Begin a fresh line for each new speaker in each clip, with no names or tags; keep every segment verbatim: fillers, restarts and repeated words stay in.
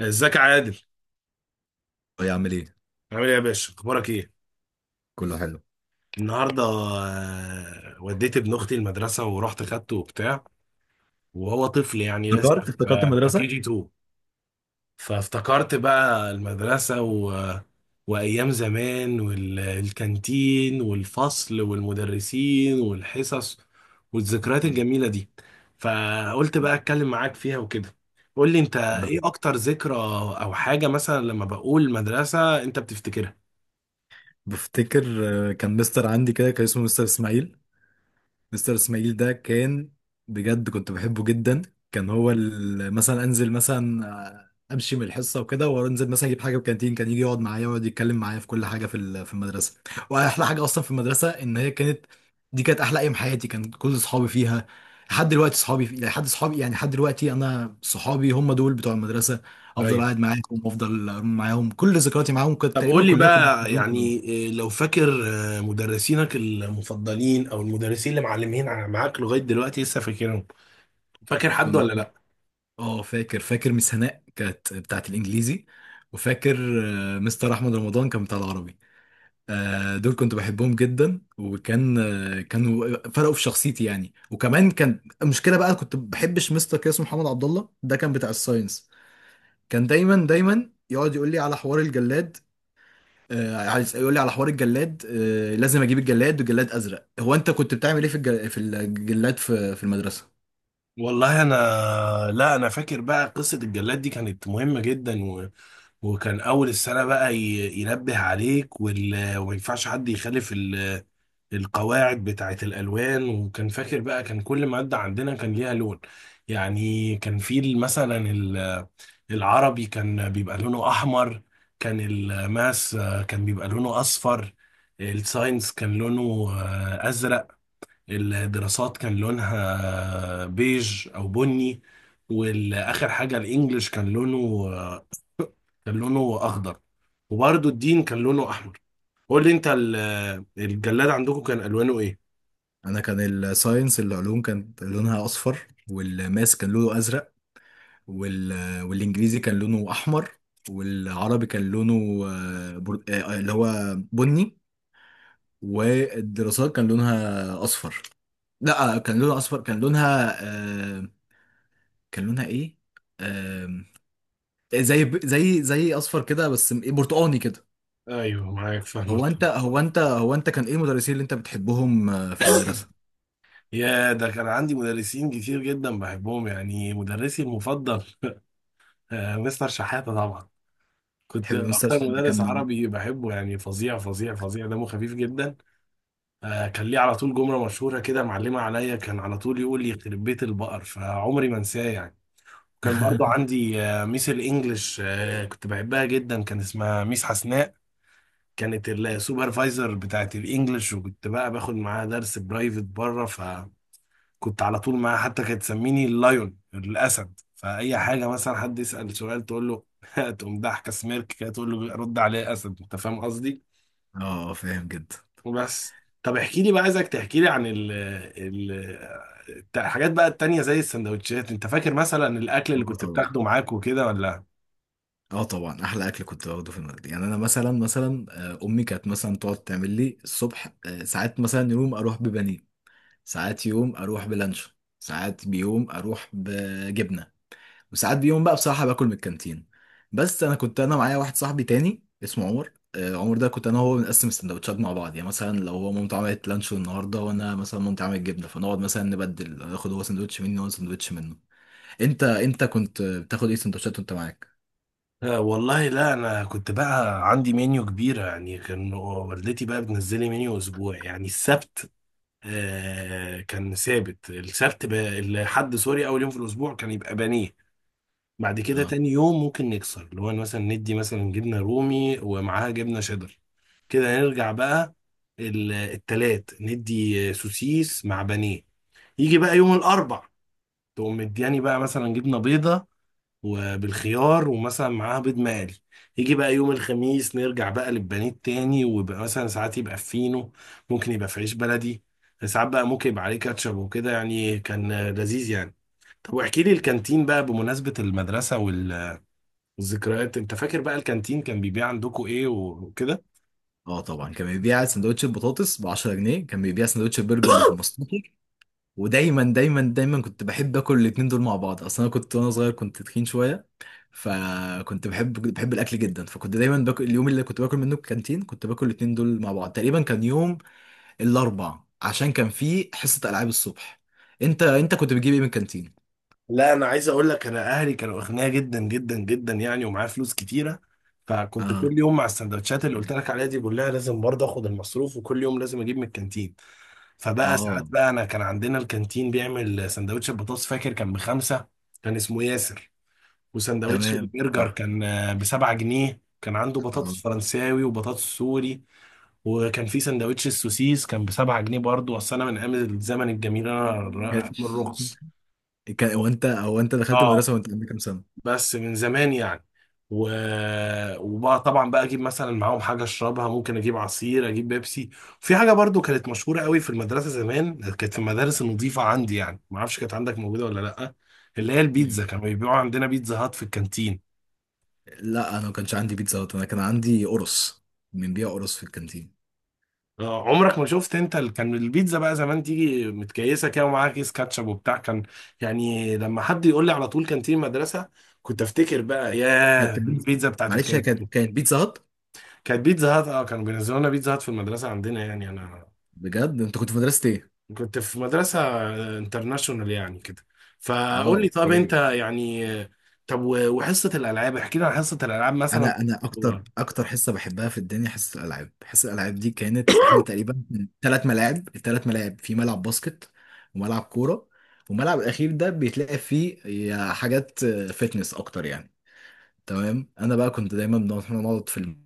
ازيك يا عادل؟
يا عامل ايه،
عامل ايه يا باشا؟ اخبارك ايه؟
كله حلو.
النهارده، آه، وديت ابن اختي المدرسه ورحت خدته وبتاع. وهو طفل يعني لسه
افتكرت افتكرت
في في كي
المدرسة.
جي اتنين. فافتكرت بقى المدرسه و... وايام زمان والكانتين والفصل والمدرسين والحصص والذكريات
آه.
الجميله دي. فقلت بقى اتكلم معاك فيها وكده. قول لي، انت
انا
ايه
كنت
اكتر ذكرى او حاجه مثلا لما بقول مدرسه انت بتفتكرها؟
بفتكر. آه، كان مستر عندي كده، كان اسمه مستر اسماعيل. مستر اسماعيل ده كان، بجد كنت بحبه جدا. كان هو ال- مثلا انزل مثلا، آه، امشي من الحصه وكده، وانزل مثلا اجيب حاجه في الكانتين، كان يجي يقعد معايا ويقعد يتكلم معايا في كل حاجه في ال- في المدرسه. واحلى حاجه اصلا في المدرسه، ان هي كانت دي كانت احلى ايام حياتي، كان كل اصحابي فيها. لحد دلوقتي صحابي في... لحد صحابي يعني، لحد دلوقتي انا صحابي هم دول بتوع المدرسه. افضل قاعد معاهم وافضل معاهم، كل ذكرياتي معاهم كانت
طب
تقريبا
قول لي
كلها.
بقى، يعني إيه، لو فاكر آه، مدرسينك المفضلين او المدرسين اللي معلمين ع- معاك لغايه دلوقتي لسه فاكرهم. فاكر حد
كنت
ولا لا؟
اه، فاكر، فاكر ميس هناء كانت بتاعت الانجليزي، وفاكر آه، مستر احمد رمضان كان بتاع العربي. آه، دول كنت بحبهم جدا، وكان آه، كانوا فرقوا في شخصيتي يعني. وكمان كان المشكله بقى، كنت بحبش مستر كده اسمه محمد عبد الله، ده كان بتاع الساينس. كان دايما دايما يقعد يقول لي على حوار الجلاد. آه، عايز يقول لي على حوار الجلاد، آه، لازم اجيب الجلاد، والجلاد ازرق. هو انت كنت بتعمل ايه في الجل- في الجلاد في في المدرسه؟
والله انا، لا انا فاكر بقى قصه الجلاد دي كانت مهمه جدا و... وكان اول السنه بقى ي... ينبه عليك وال... وما ينفعش حد يخالف القواعد بتاعة الألوان. وكان فاكر بقى كان كل مادة عندنا كان ليها لون. يعني كان في ال- مثلا ال- العربي كان بيبقى لونه أحمر. كان الماس آه، كان بيبقى لونه أصفر. الساينس كان لونه آه، أزرق. الدراسات كان لونها آه، بيج أو بني. والآخر حاجة الإنجليش كان لونه آه، كان لونه أخضر. وبرضه الدين كان لونه أحمر. قول لي أنت ال- الجلاد عندكم كان ألوانه إيه؟
انا كان الساينس العلوم كانت لونها اصفر، والماس كان لونه ازرق، وال... والانجليزي كان لونه احمر، والعربي كان لونه، آه، بر... آه، آه، اللي هو بني، والدراسات كان لونها اصفر. لا، آه، كان لونها اصفر. كان لونها، آه، كان لونها ايه؟ آه، زي ب- زي زي اصفر كده، بس م- إيه، برتقاني كده.
ايوه، معاك، فاهمك
هو انت
طبعا.
هو انت هو انت كان ايه المدرسين اللي انت بتحبهم آه، في المدرسة؟
يا، ده كان عندي مدرسين كتير جدا بحبهم يعني، مدرسي المفضل آه، مستر شحاتة طبعا. كنت
تحب مستر
اكتر
ده
مدرس
كان...
عربي بحبه يعني، فظيع فظيع فظيع، دمه خفيف جدا. آه، كان ليه على طول جملة مشهورة كده معلمة عليا، كان على طول يقول لي يخرب بيت البقر، فعمري ما انساه يعني. كان برضو عندي آه، ميس الانجليش، آه، كنت بحبها جدا، كان اسمها ميس حسناء. كانت السوبرفايزر بتاعت الانجليش، وكنت بقى باخد معاها درس برايفت بره. كنت على طول معاها، حتى كانت تسميني اللايون، الاسد، فاي حاجه مثلا حد يسال سؤال تقول له تقوم ضحكه سميرك كده تقول له رد عليه اسد، انت فاهم قصدي؟
اه. آه، فاهم جدا.
وبس. طب احكي لي بقى، عايزك تحكي لي عن ال ال الت- الحاجات بقى التانية زي السندوتشات، انت فاكر مثلا الاكل اللي
اه
كنت
طبعا،
بتاخده معاك وكده ولا؟
اه طبعا احلى اكل كنت باخده في المدرسه يعني. انا مثلا، مثلا آه، امي كانت مثلا تقعد تعمل لي الصبح، آه، ساعات مثلا يوم اروح ببانيه، ساعات يوم اروح بلانشون، ساعات بيوم اروح بجبنه، وساعات بيوم بقى بصراحه باكل من الكانتين. بس انا كنت، انا معايا واحد صاحبي تاني اسمه عمر. آه، عمر ده كنت انا وهو بنقسم السندوتشات مع بعض يعني. مثلا لو هو مامته عملت لانشون النهارده، وانا مثلا مامتي عملت جبنه، فنقعد مثلا نبدل، اخد هو سندوتش مني وانا سندوتش منه. انت انت كنت بتاخد ايه سندوتشات وانت معاك؟
آه، والله، لا انا كنت بقى عندي منيو كبيره يعني، كان والدتي بقى بتنزلي منيو اسبوع يعني. السبت آه، كان ثابت السبت، ب- الحد، سوري، اول يوم في الاسبوع كان يبقى بانيه. بعد كده
آه.
تاني يوم ممكن نكسر، اللي هو مثلا ندي مثلا جبنه رومي ومعاها جبنه شيدر. كده نرجع بقى، ال- التلات ندي سوسيس مع بانيه. يجي بقى يوم الاربع تقوم مدياني بقى مثلا جبنه بيضه وبالخيار ومثلا معاها بيض مقلي. يجي بقى يوم الخميس نرجع بقى للبانيه تاني، ويبقى مثلا ساعات يبقى في فينو، ممكن يبقى في عيش بلدي. ساعات بقى ممكن يبقى عليه كاتشب وكده يعني، كان آه، لذيذ يعني. طب واحكي لي الكانتين بقى بمناسبة المدرسة وال- والذكريات، انت فاكر بقى الكانتين كان بيبيع عندكم ايه وكده؟
اه طبعا، كان بيبيع سندوتش البطاطس ب عشرة جنيه، كان بيبيع سندوتش البرجر ب خمستاشر. ودايما دايما دايما كنت بحب اكل الاتنين دول مع بعض. اصلا انا كنت وانا صغير كنت تخين شويه، فكنت بحب بحب الاكل جدا، فكنت دايما باكل. اليوم اللي كنت باكل منه الكانتين كنت باكل الاتنين دول مع بعض تقريبا، كان يوم الاربع عشان كان فيه حصه العاب الصبح. انت انت كنت بتجيب ايه من الكانتين؟
لا انا عايز اقول لك، انا اهلي كانوا اغنياء جدا جدا جدا يعني، ومعايا فلوس كتيره. فكنت
اه.
كل يوم مع السندوتشات اللي قلت لك عليها دي بقول لها لازم برضه اخد المصروف، وكل يوم لازم اجيب من الكانتين. فبقى ساعات
اه
بقى انا، كان عندنا الكانتين بيعمل سندوتش البطاطس، فاكر كان بخمسة. كان اسمه ياسر. وسندوتش
تمام،
البرجر
صح.
كان آه، بسبعة جنيه، كان عنده
اه.
بطاطس فرنساوي وبطاطس سوري. وكان في سندوتش السوسيس كان بسبعة جنيه برضه، اصل انا من ايام الزمن الجميل، انا ر- من الرخص.
كان، هو انت هو انت دخلت
اه،
المدرسه وانت عندك كام
بس من زمان يعني و... وبقى طبعا بقى اجيب مثلا معاهم حاجه اشربها، ممكن اجيب عصير، اجيب بيبسي. في حاجه برضو كانت مشهوره قوي في المدرسه زمان، كانت في المدارس النظيفه عندي يعني، ما اعرفش كانت عندك موجوده ولا لا، اللي هي
سنه؟
البيتزا، كانوا بيبيعوا عندنا بيتزا هات في الكانتين.
لا، انا ما كانش عندي بيتزا هات، انا كان عندي قرص. من بيع قرص في الكانتين؟
آه، عمرك ما شفت؟ انت ال- كان البيتزا بقى زمان تيجي متكيسه كده، ومعاها كيس كاتشب وبتاع كان. يعني لما حد يقول لي على طول كانتين مدرسه، كنت افتكر بقى ياه
كانت البيتزا،
البيتزا بتاعت
معلش، هي كانت،
الكانتين.
كانت بيتزا هات.
كانت بيتزا هات، اه كانوا بينزلوا لنا بيتزا هات في المدرسة عندنا يعني، انا
بجد انت كنت في مدرسه ايه؟
كنت في مدرسة انترناشونال يعني كده.
اه،
فقول لي، طب انت
اوكي.
يعني، طب و- وحصة الألعاب، احكي لي عن حصة الألعاب مثلا.
انا انا اكتر اكتر حصه بحبها في الدنيا حصه الالعاب. حصه الالعاب دي كانت احنا تقريبا ثلاث ملاعب، الثلاث ملاعب في ملعب باسكت، وملعب كوره، والملعب الاخير ده بيتلاقي فيه يا حاجات، فتنس اكتر يعني. تمام، انا بقى كنت دايما بنقعد، إحنا نقعد في النص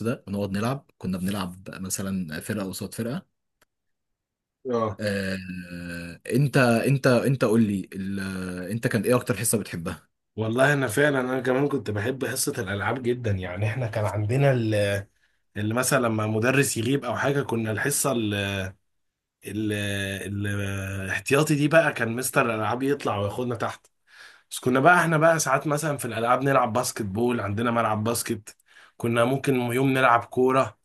ده ونقعد نلعب. كنا بنلعب مثلا فرقه قصاد فرقه.
اه
آه، انت انت انت قول لي ال- انت كان ايه اكتر حصة بتحبها؟
والله، انا فعلا، انا كمان كنت بحب حصة الألعاب جدا يعني. احنا كان عندنا ال- اللي مثلا لما مدرس يغيب او حاجة، كنا الحصة ال- ال- الاحتياطي دي بقى كان مستر الألعاب يطلع وياخدنا تحت. بس كنا بقى احنا بقى ساعات مثلا في الالعاب نلعب باسكت بول، عندنا ملعب باسكت. كنا ممكن يوم نلعب كوره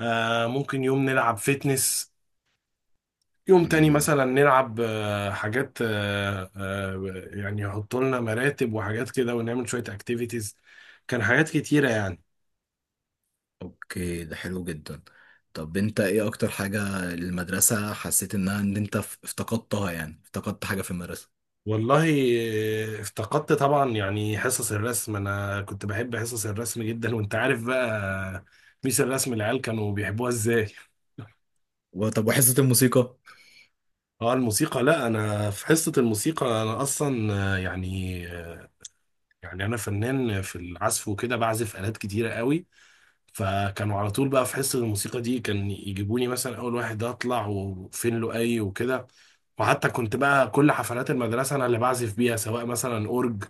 آه ممكن يوم نلعب فيتنس. يوم تاني
مم.
مثلا نلعب آه حاجات، آه آه يعني يحطوا لنا مراتب وحاجات كده، ونعمل شويه اكتيفيتيز. كان حاجات كتيره يعني.
اوكي، ده حلو جدا. طب انت ايه اكتر حاجة المدرسة حسيت انها، ان انت ف- افتقدتها؟ يعني افتقدت حاجة في المدرسة.
والله، آه، افتقدت طبعا يعني حصص الرسم، انا كنت بحب حصص الرسم جدا، وانت عارف بقى ميس الرسم العيال كانوا بيحبوها ازاي.
وطب وحصة الموسيقى؟
اه الموسيقى، لا انا في حصة الموسيقى انا اصلا آه، يعني آه، يعني انا فنان في العزف وكده، بعزف آلات كتيرة قوي. فكانوا على طول بقى في حصة الموسيقى دي كان يجيبوني مثلا اول واحد، ده اطلع وفين له اي وكده. وحتى كنت بقى كل حفلات المدرسة انا اللي بعزف بيها، سواء مثلا اورج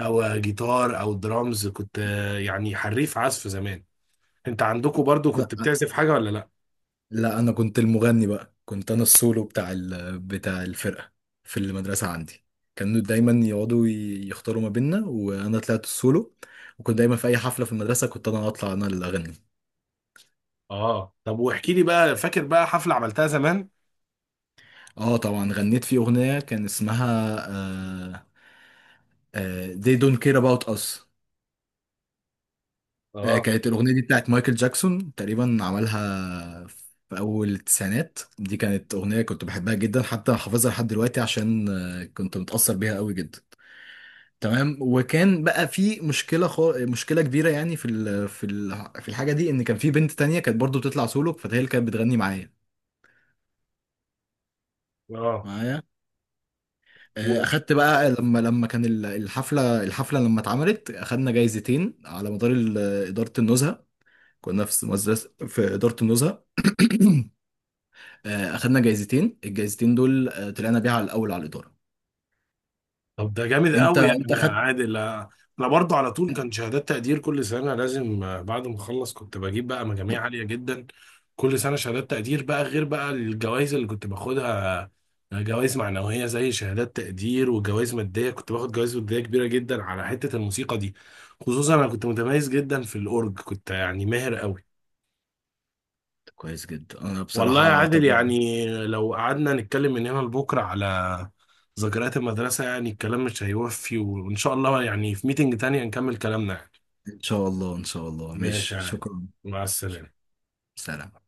او جيتار او درامز، كنت آه، يعني حريف عزف زمان. انت عندكم برضو كنت
لا،
بتعزف حاجة ولا لا؟
لا، انا كنت المغني بقى. كنت انا السولو بتاع ال... بتاع الفرقة في المدرسة عندي. كانوا دايما يقعدوا ي- يختاروا ما بيننا، وانا طلعت السولو. وكنت دايما في اي حفلة في المدرسة كنت انا اطلع، انا اللي اغني.
اه، طب واحكي لي بقى، فاكر بقى حفلة عملتها زمان.
اه طبعا، غنيت في اغنيه كان اسمها آه آه They Don't Care About Us. آه
اه،
كانت الاغنيه دي بتاعت مايكل جاكسون، تقريبا عملها في اول التسعينات، دي كانت اغنيه كنت بحبها جدا، حتى حافظها لحد دلوقتي، عشان آه كنت متاثر بيها قوي جدا. تمام، وكان بقى في مشكله، خو... مشكله كبيره يعني في ال... في ال... في الحاجه دي، ان كان في بنت تانية كانت برضو بتطلع سولو، فهي اللي كانت بتغني معايا
اه،
معايا آه، اخدت بقى لما لما كان ال- الحفله، الحفله لما اتعملت اخدنا جايزتين على مدار ال- اداره النزهه. كنا في مدرسه في اداره النزهه. آه، اخدنا جايزتين، الجايزتين دول آه، طلعنا بيها على الاول على الاداره.
طب ده جامد
انت
قوي يعني
انت
يا
اخدت...
عادل آه، انا برضه على طول كان شهادات تقدير كل سنه لازم آه، بعد ما اخلص كنت بجيب بقى مجاميع عاليه جدا. كل سنه شهادات تقدير بقى، غير بقى الجوائز اللي كنت باخدها، آه، جوائز معنويه زي شهادات تقدير، وجوائز ماديه، كنت باخد جوائز ماديه كبيره جدا على حته الموسيقى دي. خصوصا انا كنت متميز جدا في الاورج، كنت يعني ماهر قوي.
كويس جدا، انا
والله يا
بصراحه
عادل،
طب...
يعني لو قعدنا نتكلم من هنا لبكرة على ذكريات المدرسة، يعني الكلام مش هيوفي، وإن شاء الله يعني في ميتنج تانية نكمل كلامنا يعني.
ان شاء الله، ان شاء الله،
ماشي
ماشي،
يا عادل،
شكرا.
مع السلامة.
سلام.